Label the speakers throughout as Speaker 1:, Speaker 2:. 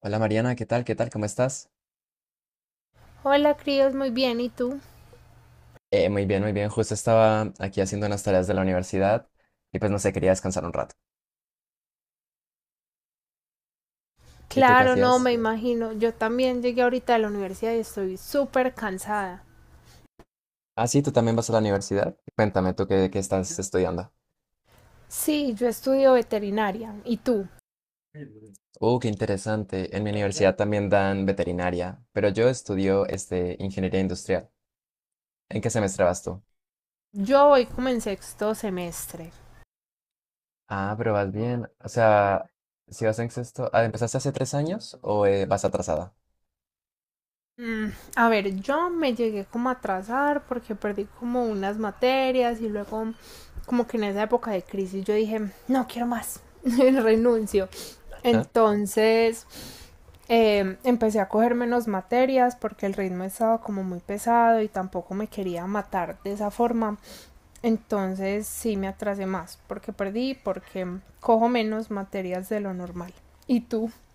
Speaker 1: Hola, Mariana, ¿qué tal? ¿Qué tal? ¿Cómo estás?
Speaker 2: Hola, críos, muy bien. ¿Y tú?
Speaker 1: Muy bien, muy bien. Justo estaba aquí haciendo unas tareas de la universidad y pues no sé, quería descansar un rato. ¿Y tú qué
Speaker 2: Claro, no,
Speaker 1: hacías?
Speaker 2: me imagino. Yo también llegué ahorita de la universidad y estoy súper cansada.
Speaker 1: Ah, sí, tú también vas a la universidad. Cuéntame, ¿tú qué estás estudiando?
Speaker 2: Sí, yo estudio veterinaria. ¿Y tú?
Speaker 1: Qué interesante. En mi universidad también dan veterinaria, pero yo estudio este, ingeniería industrial. ¿En qué semestre vas tú?
Speaker 2: Yo hoy comencé sexto semestre.
Speaker 1: Ah, pero vas bien. O sea, si vas en sexto, ah, ¿empezaste hace tres años o vas atrasada?
Speaker 2: Mm, A ver, yo me llegué como a atrasar porque perdí como unas materias y luego como que en esa época de crisis yo dije, no quiero más, renuncio.
Speaker 1: ¿Ah?
Speaker 2: Entonces empecé a coger menos materias porque el ritmo estaba como muy pesado y tampoco me quería matar de esa forma. Entonces sí me atrasé más porque perdí, porque cojo menos materias de lo normal. ¿Y tú? No.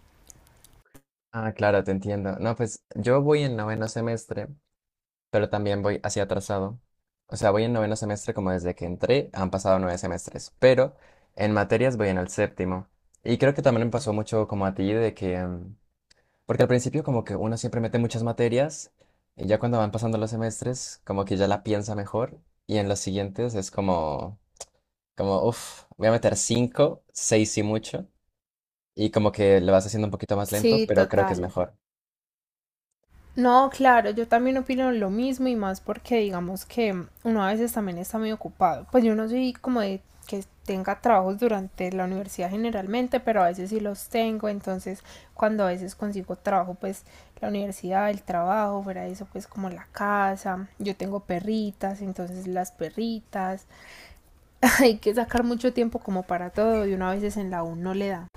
Speaker 1: Ah, claro, te entiendo. No, pues yo voy en noveno semestre, pero también voy así atrasado. O sea, voy en noveno semestre como desde que entré, han pasado nueve semestres, pero en materias voy en el séptimo. Y creo que también me pasó mucho como a ti de que, porque al principio como que uno siempre mete muchas materias y ya cuando van pasando los semestres como que ya la piensa mejor y en los siguientes es como, como, uff, voy a meter cinco, seis y mucho y como que lo vas haciendo un poquito más lento,
Speaker 2: Sí, sé.
Speaker 1: pero creo que es
Speaker 2: Total.
Speaker 1: mejor.
Speaker 2: No, claro, yo también opino lo mismo y más porque digamos que uno a veces también está muy ocupado. Pues yo no soy como de que tenga trabajos durante la universidad generalmente, pero a veces sí los tengo, entonces cuando a veces consigo trabajo, pues la universidad, el trabajo, fuera de eso, pues como la casa, yo tengo perritas, entonces las perritas, hay que sacar mucho tiempo como para todo y uno a veces en la U no le da.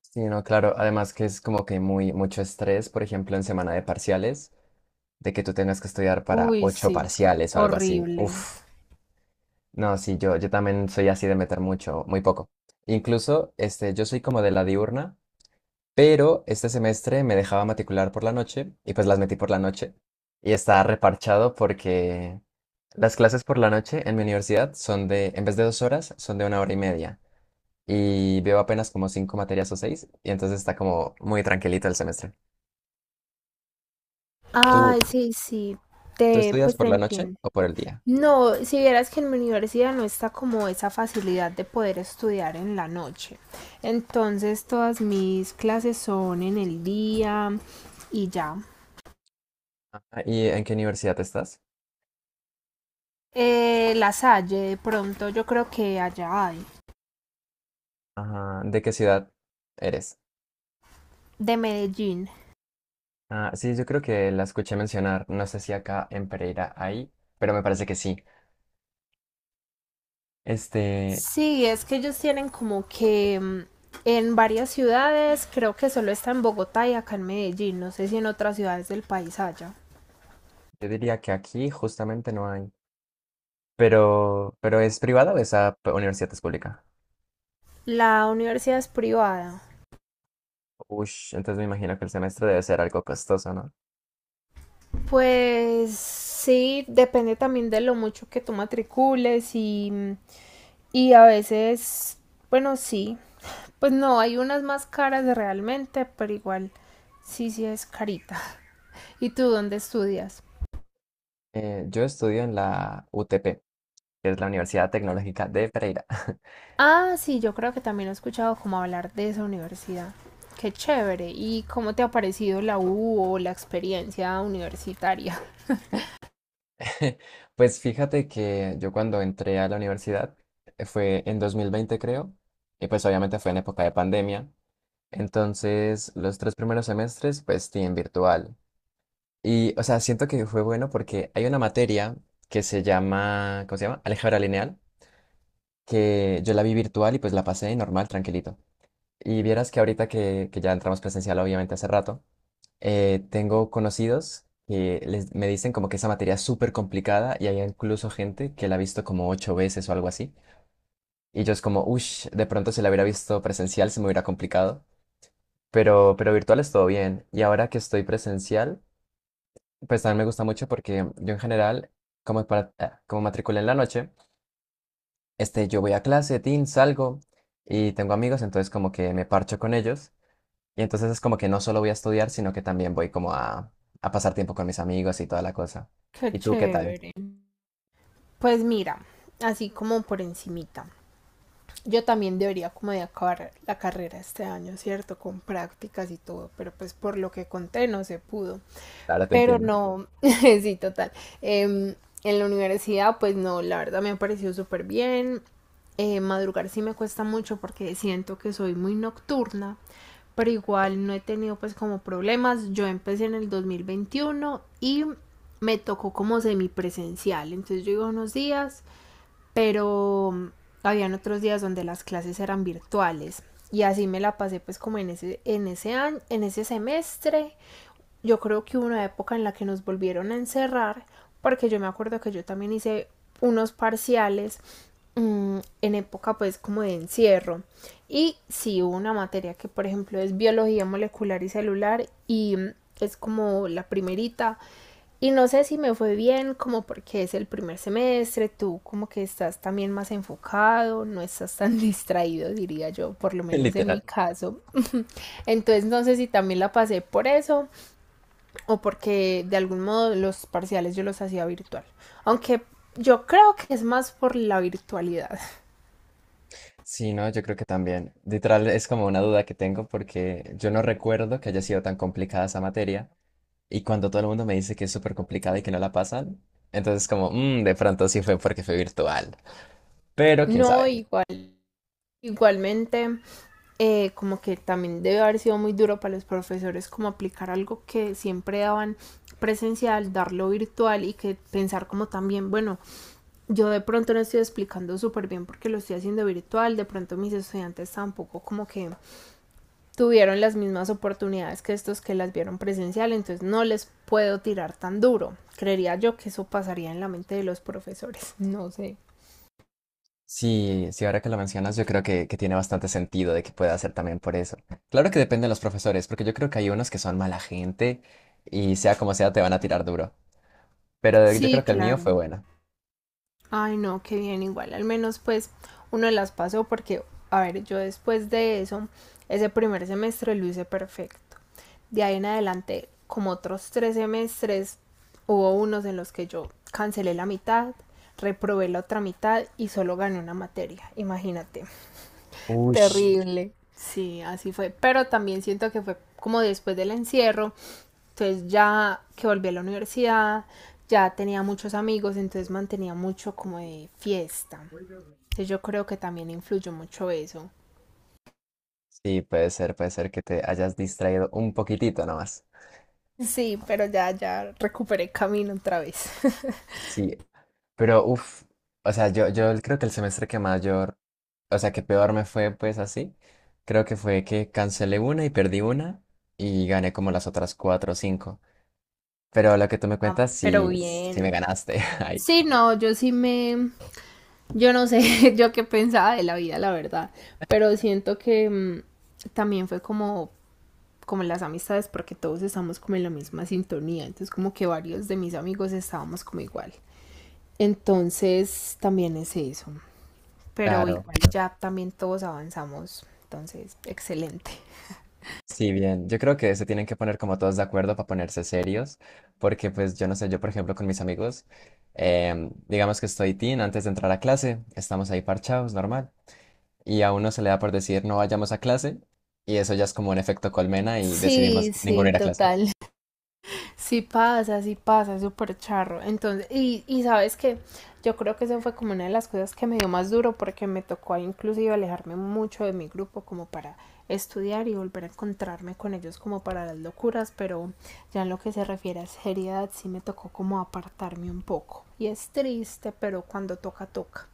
Speaker 1: Sí, no, claro. Además que es como que muy mucho estrés, por ejemplo, en semana de parciales, de que tú tengas que estudiar para
Speaker 2: Uy,
Speaker 1: ocho
Speaker 2: sí,
Speaker 1: parciales o algo así.
Speaker 2: horrible.
Speaker 1: Uf, no, sí, yo también soy así de meter mucho, muy poco. Incluso, este, yo soy como de la diurna, pero este semestre me dejaba matricular por la noche y pues las metí por la noche. Y está reparchado porque las clases por la noche en mi universidad son de, en vez de dos horas, son de una hora y media. Y veo apenas como cinco materias o seis, y entonces está como muy tranquilito el semestre. ¿Tú,
Speaker 2: Ay, sí, sí,
Speaker 1: tú
Speaker 2: te,
Speaker 1: estudias
Speaker 2: pues te
Speaker 1: por la noche
Speaker 2: entiendo.
Speaker 1: o por el día?
Speaker 2: No, si vieras que en mi universidad no está como esa facilidad de poder estudiar en la noche. Entonces todas mis clases son en el día y ya.
Speaker 1: Ah, ¿y en qué universidad estás?
Speaker 2: La Salle, de pronto yo creo que allá hay,
Speaker 1: Ajá, ¿de qué ciudad eres?
Speaker 2: de Medellín.
Speaker 1: Ah, sí, yo creo que la escuché mencionar, no sé si acá en Pereira hay, pero me parece que sí. Este,
Speaker 2: Sí, es que ellos tienen como que en varias ciudades, creo que solo está en Bogotá y acá en Medellín, no sé si en otras ciudades del país haya.
Speaker 1: yo diría que aquí justamente no hay, pero ¿es privada o esa p- universidad es pública?
Speaker 2: La universidad es privada.
Speaker 1: Ush, entonces me imagino que el semestre debe ser algo costoso, ¿no?
Speaker 2: Pues sí, depende también de lo mucho que tú matricules y a veces, bueno, sí, pues no, hay unas más caras realmente, pero igual sí, sí es carita. ¿Y tú dónde estudias?
Speaker 1: Yo estudio en la UTP, que es la Universidad Tecnológica de Pereira.
Speaker 2: Ah, sí, yo creo que también he escuchado como hablar de esa universidad. Qué chévere. ¿Y cómo te ha parecido la U o la experiencia universitaria?
Speaker 1: Pues fíjate que yo cuando entré a la universidad fue en 2020, creo, y pues obviamente fue en época de pandemia. Entonces, los tres primeros semestres, pues, sí, en virtual. Y, o sea, siento que fue bueno porque hay una materia que se llama, ¿cómo se llama? Álgebra lineal, que yo la vi virtual y pues la pasé normal, tranquilito. Y vieras que ahorita que ya entramos presencial, obviamente hace rato, tengo conocidos que me dicen como que esa materia es súper complicada y hay incluso gente que la ha visto como ocho veces o algo así. Y yo es como, uff, de pronto si la hubiera visto presencial se me hubiera complicado, pero virtual es todo bien. Y ahora que estoy presencial, pues también me gusta mucho porque yo en general, como, para, como matriculé en la noche, este, yo voy a clase, tin, salgo y tengo amigos, entonces como que me parcho con ellos. Y entonces es como que no solo voy a estudiar, sino que también voy como a pasar tiempo con mis amigos y toda la cosa.
Speaker 2: Qué
Speaker 1: ¿Y tú qué tal?
Speaker 2: chévere. Pues mira, así como por encimita. Yo también debería como de acabar la carrera este año, ¿cierto? Con prácticas y todo, pero pues por lo que conté no se pudo.
Speaker 1: Ahora te
Speaker 2: Pero
Speaker 1: entiendo.
Speaker 2: no, sí, total. Em, en la universidad, pues no, la verdad me ha parecido súper bien. Madrugar sí me cuesta mucho porque siento que soy muy nocturna, pero igual no he tenido pues como problemas. Yo empecé en el 2021 y me tocó como semipresencial, entonces yo iba unos días pero habían otros días donde las clases eran virtuales y así me la pasé pues como en ese año, en ese semestre yo creo que hubo una época en la que nos volvieron a encerrar, porque yo me acuerdo que yo también hice unos parciales en época pues como de encierro. Y sí hubo una materia que por ejemplo es biología molecular y celular y es como la primerita. Y no sé si me fue bien, como porque es el primer semestre, tú como que estás también más enfocado, no estás tan distraído, diría yo, por lo menos en mi
Speaker 1: Literal.
Speaker 2: caso. Entonces no sé si también la pasé por eso o porque de algún modo los parciales yo los hacía virtual. Aunque yo creo que es más por la virtualidad.
Speaker 1: Sí, no, yo creo que también. Literal es como una duda que tengo porque yo no recuerdo que haya sido tan complicada esa materia. Y cuando todo el mundo me dice que es súper complicado y que no la pasan, entonces como, "Mm, de pronto sí fue porque fue virtual. Pero quién
Speaker 2: No
Speaker 1: sabe."
Speaker 2: igual. Igualmente, como que también debe haber sido muy duro para los profesores como aplicar algo que siempre daban presencial, darlo virtual y que pensar como también, bueno, yo de pronto no estoy explicando súper bien porque lo estoy haciendo virtual, de pronto mis estudiantes tampoco como que tuvieron las mismas oportunidades que estos que las vieron presencial, entonces no les puedo tirar tan duro. Creería yo que eso pasaría en la mente de los profesores, no sé.
Speaker 1: Sí, sí, ahora que lo mencionas, yo creo que tiene bastante sentido de que pueda ser también por eso. Claro que depende de los profesores, porque yo creo que hay unos que son mala gente y sea como sea te van a tirar duro. Pero yo
Speaker 2: Sí,
Speaker 1: creo que el mío
Speaker 2: claro.
Speaker 1: fue bueno.
Speaker 2: Ay, no, qué bien, igual, al menos pues uno las pasó porque, a ver, yo después de eso, ese primer semestre lo hice perfecto. De ahí en adelante, como otros tres semestres, hubo unos en los que yo cancelé la mitad, reprobé la otra mitad y solo gané una materia, imagínate.
Speaker 1: Uy,
Speaker 2: Terrible. Sí, así fue. Pero también siento que fue como después del encierro. Entonces ya que volví a la universidad, ya tenía muchos amigos, entonces mantenía mucho como de fiesta. Entonces yo creo que también influyó mucho eso.
Speaker 1: sí, puede ser que te hayas distraído un poquitito nomás.
Speaker 2: Sí, pero ya, ya recuperé camino otra vez.
Speaker 1: Sí, pero uff, o sea, yo creo que el semestre que mayor, o sea, que peor me fue pues así, creo que fue que cancelé una y perdí una y gané como las otras cuatro o cinco. Pero lo que tú me
Speaker 2: Ah,
Speaker 1: cuentas,
Speaker 2: pero
Speaker 1: sí, sí me
Speaker 2: bien.
Speaker 1: ganaste. Ay,
Speaker 2: Sí, no, yo sí me... Yo no sé yo qué pensaba de la vida, la verdad. Pero siento que también fue como como las amistades porque todos estamos como en la misma sintonía, entonces como que varios de mis amigos estábamos como igual. Entonces también es eso, pero
Speaker 1: claro,
Speaker 2: igual ya también todos avanzamos, entonces excelente.
Speaker 1: sí, bien. Yo creo que se tienen que poner como todos de acuerdo para ponerse serios, porque pues yo no sé, yo por ejemplo con mis amigos, digamos que estoy teen antes de entrar a clase, estamos ahí parchados, normal, y a uno se le da por decir no vayamos a clase y eso ya es como un efecto colmena y
Speaker 2: Sí,
Speaker 1: decidimos ninguno
Speaker 2: sí,
Speaker 1: ir a clase.
Speaker 2: total. Sí pasa, es súper charro. Entonces, y sabes que yo creo que eso fue como una de las cosas que me dio más duro porque me tocó ahí inclusive alejarme mucho de mi grupo como para estudiar y volver a encontrarme con ellos como para las locuras, pero ya en lo que se refiere a seriedad sí me tocó como apartarme un poco. Y es triste, pero cuando toca, toca.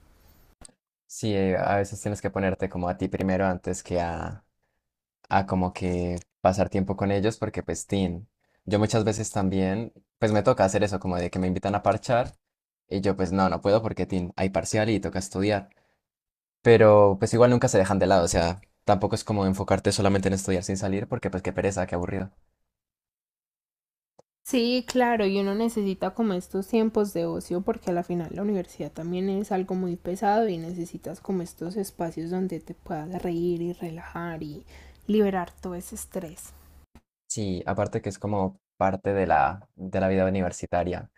Speaker 1: Sí, a veces tienes que ponerte como a ti primero antes que a como que pasar tiempo con ellos porque pues tin, yo muchas veces también pues me toca hacer eso como de que me invitan a parchar y yo pues no, no puedo porque tin, hay parcial y toca estudiar, pero pues igual nunca se dejan de lado, o sea, tampoco es como enfocarte solamente en estudiar sin salir porque pues qué pereza, qué aburrido.
Speaker 2: Sí, claro, y uno necesita como estos tiempos de ocio porque a la final la universidad también es algo muy pesado y necesitas como estos espacios donde te puedas reír y relajar y liberar todo ese estrés.
Speaker 1: Sí, aparte que es como parte de la vida universitaria.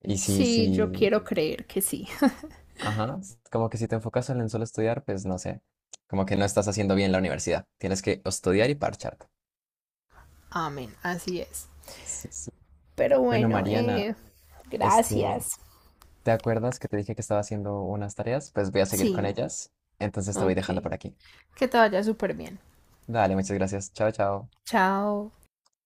Speaker 1: Y sí,
Speaker 2: Sí,
Speaker 1: sí,
Speaker 2: yo quiero creer que sí.
Speaker 1: ajá, s- como que si te enfocas en solo estudiar, pues no sé, como que no estás haciendo bien la universidad. Tienes que estudiar y parcharte.
Speaker 2: Amén, así es.
Speaker 1: Sí, sí.
Speaker 2: Pero
Speaker 1: Bueno,
Speaker 2: bueno,
Speaker 1: Mariana, este,
Speaker 2: gracias.
Speaker 1: ¿te acuerdas que te dije que estaba haciendo unas tareas? Pues voy a seguir con
Speaker 2: Sí,
Speaker 1: ellas. Entonces te voy
Speaker 2: ok.
Speaker 1: dejando por aquí.
Speaker 2: Que te vaya súper bien.
Speaker 1: Dale, muchas gracias. Chao, chao.
Speaker 2: Chao.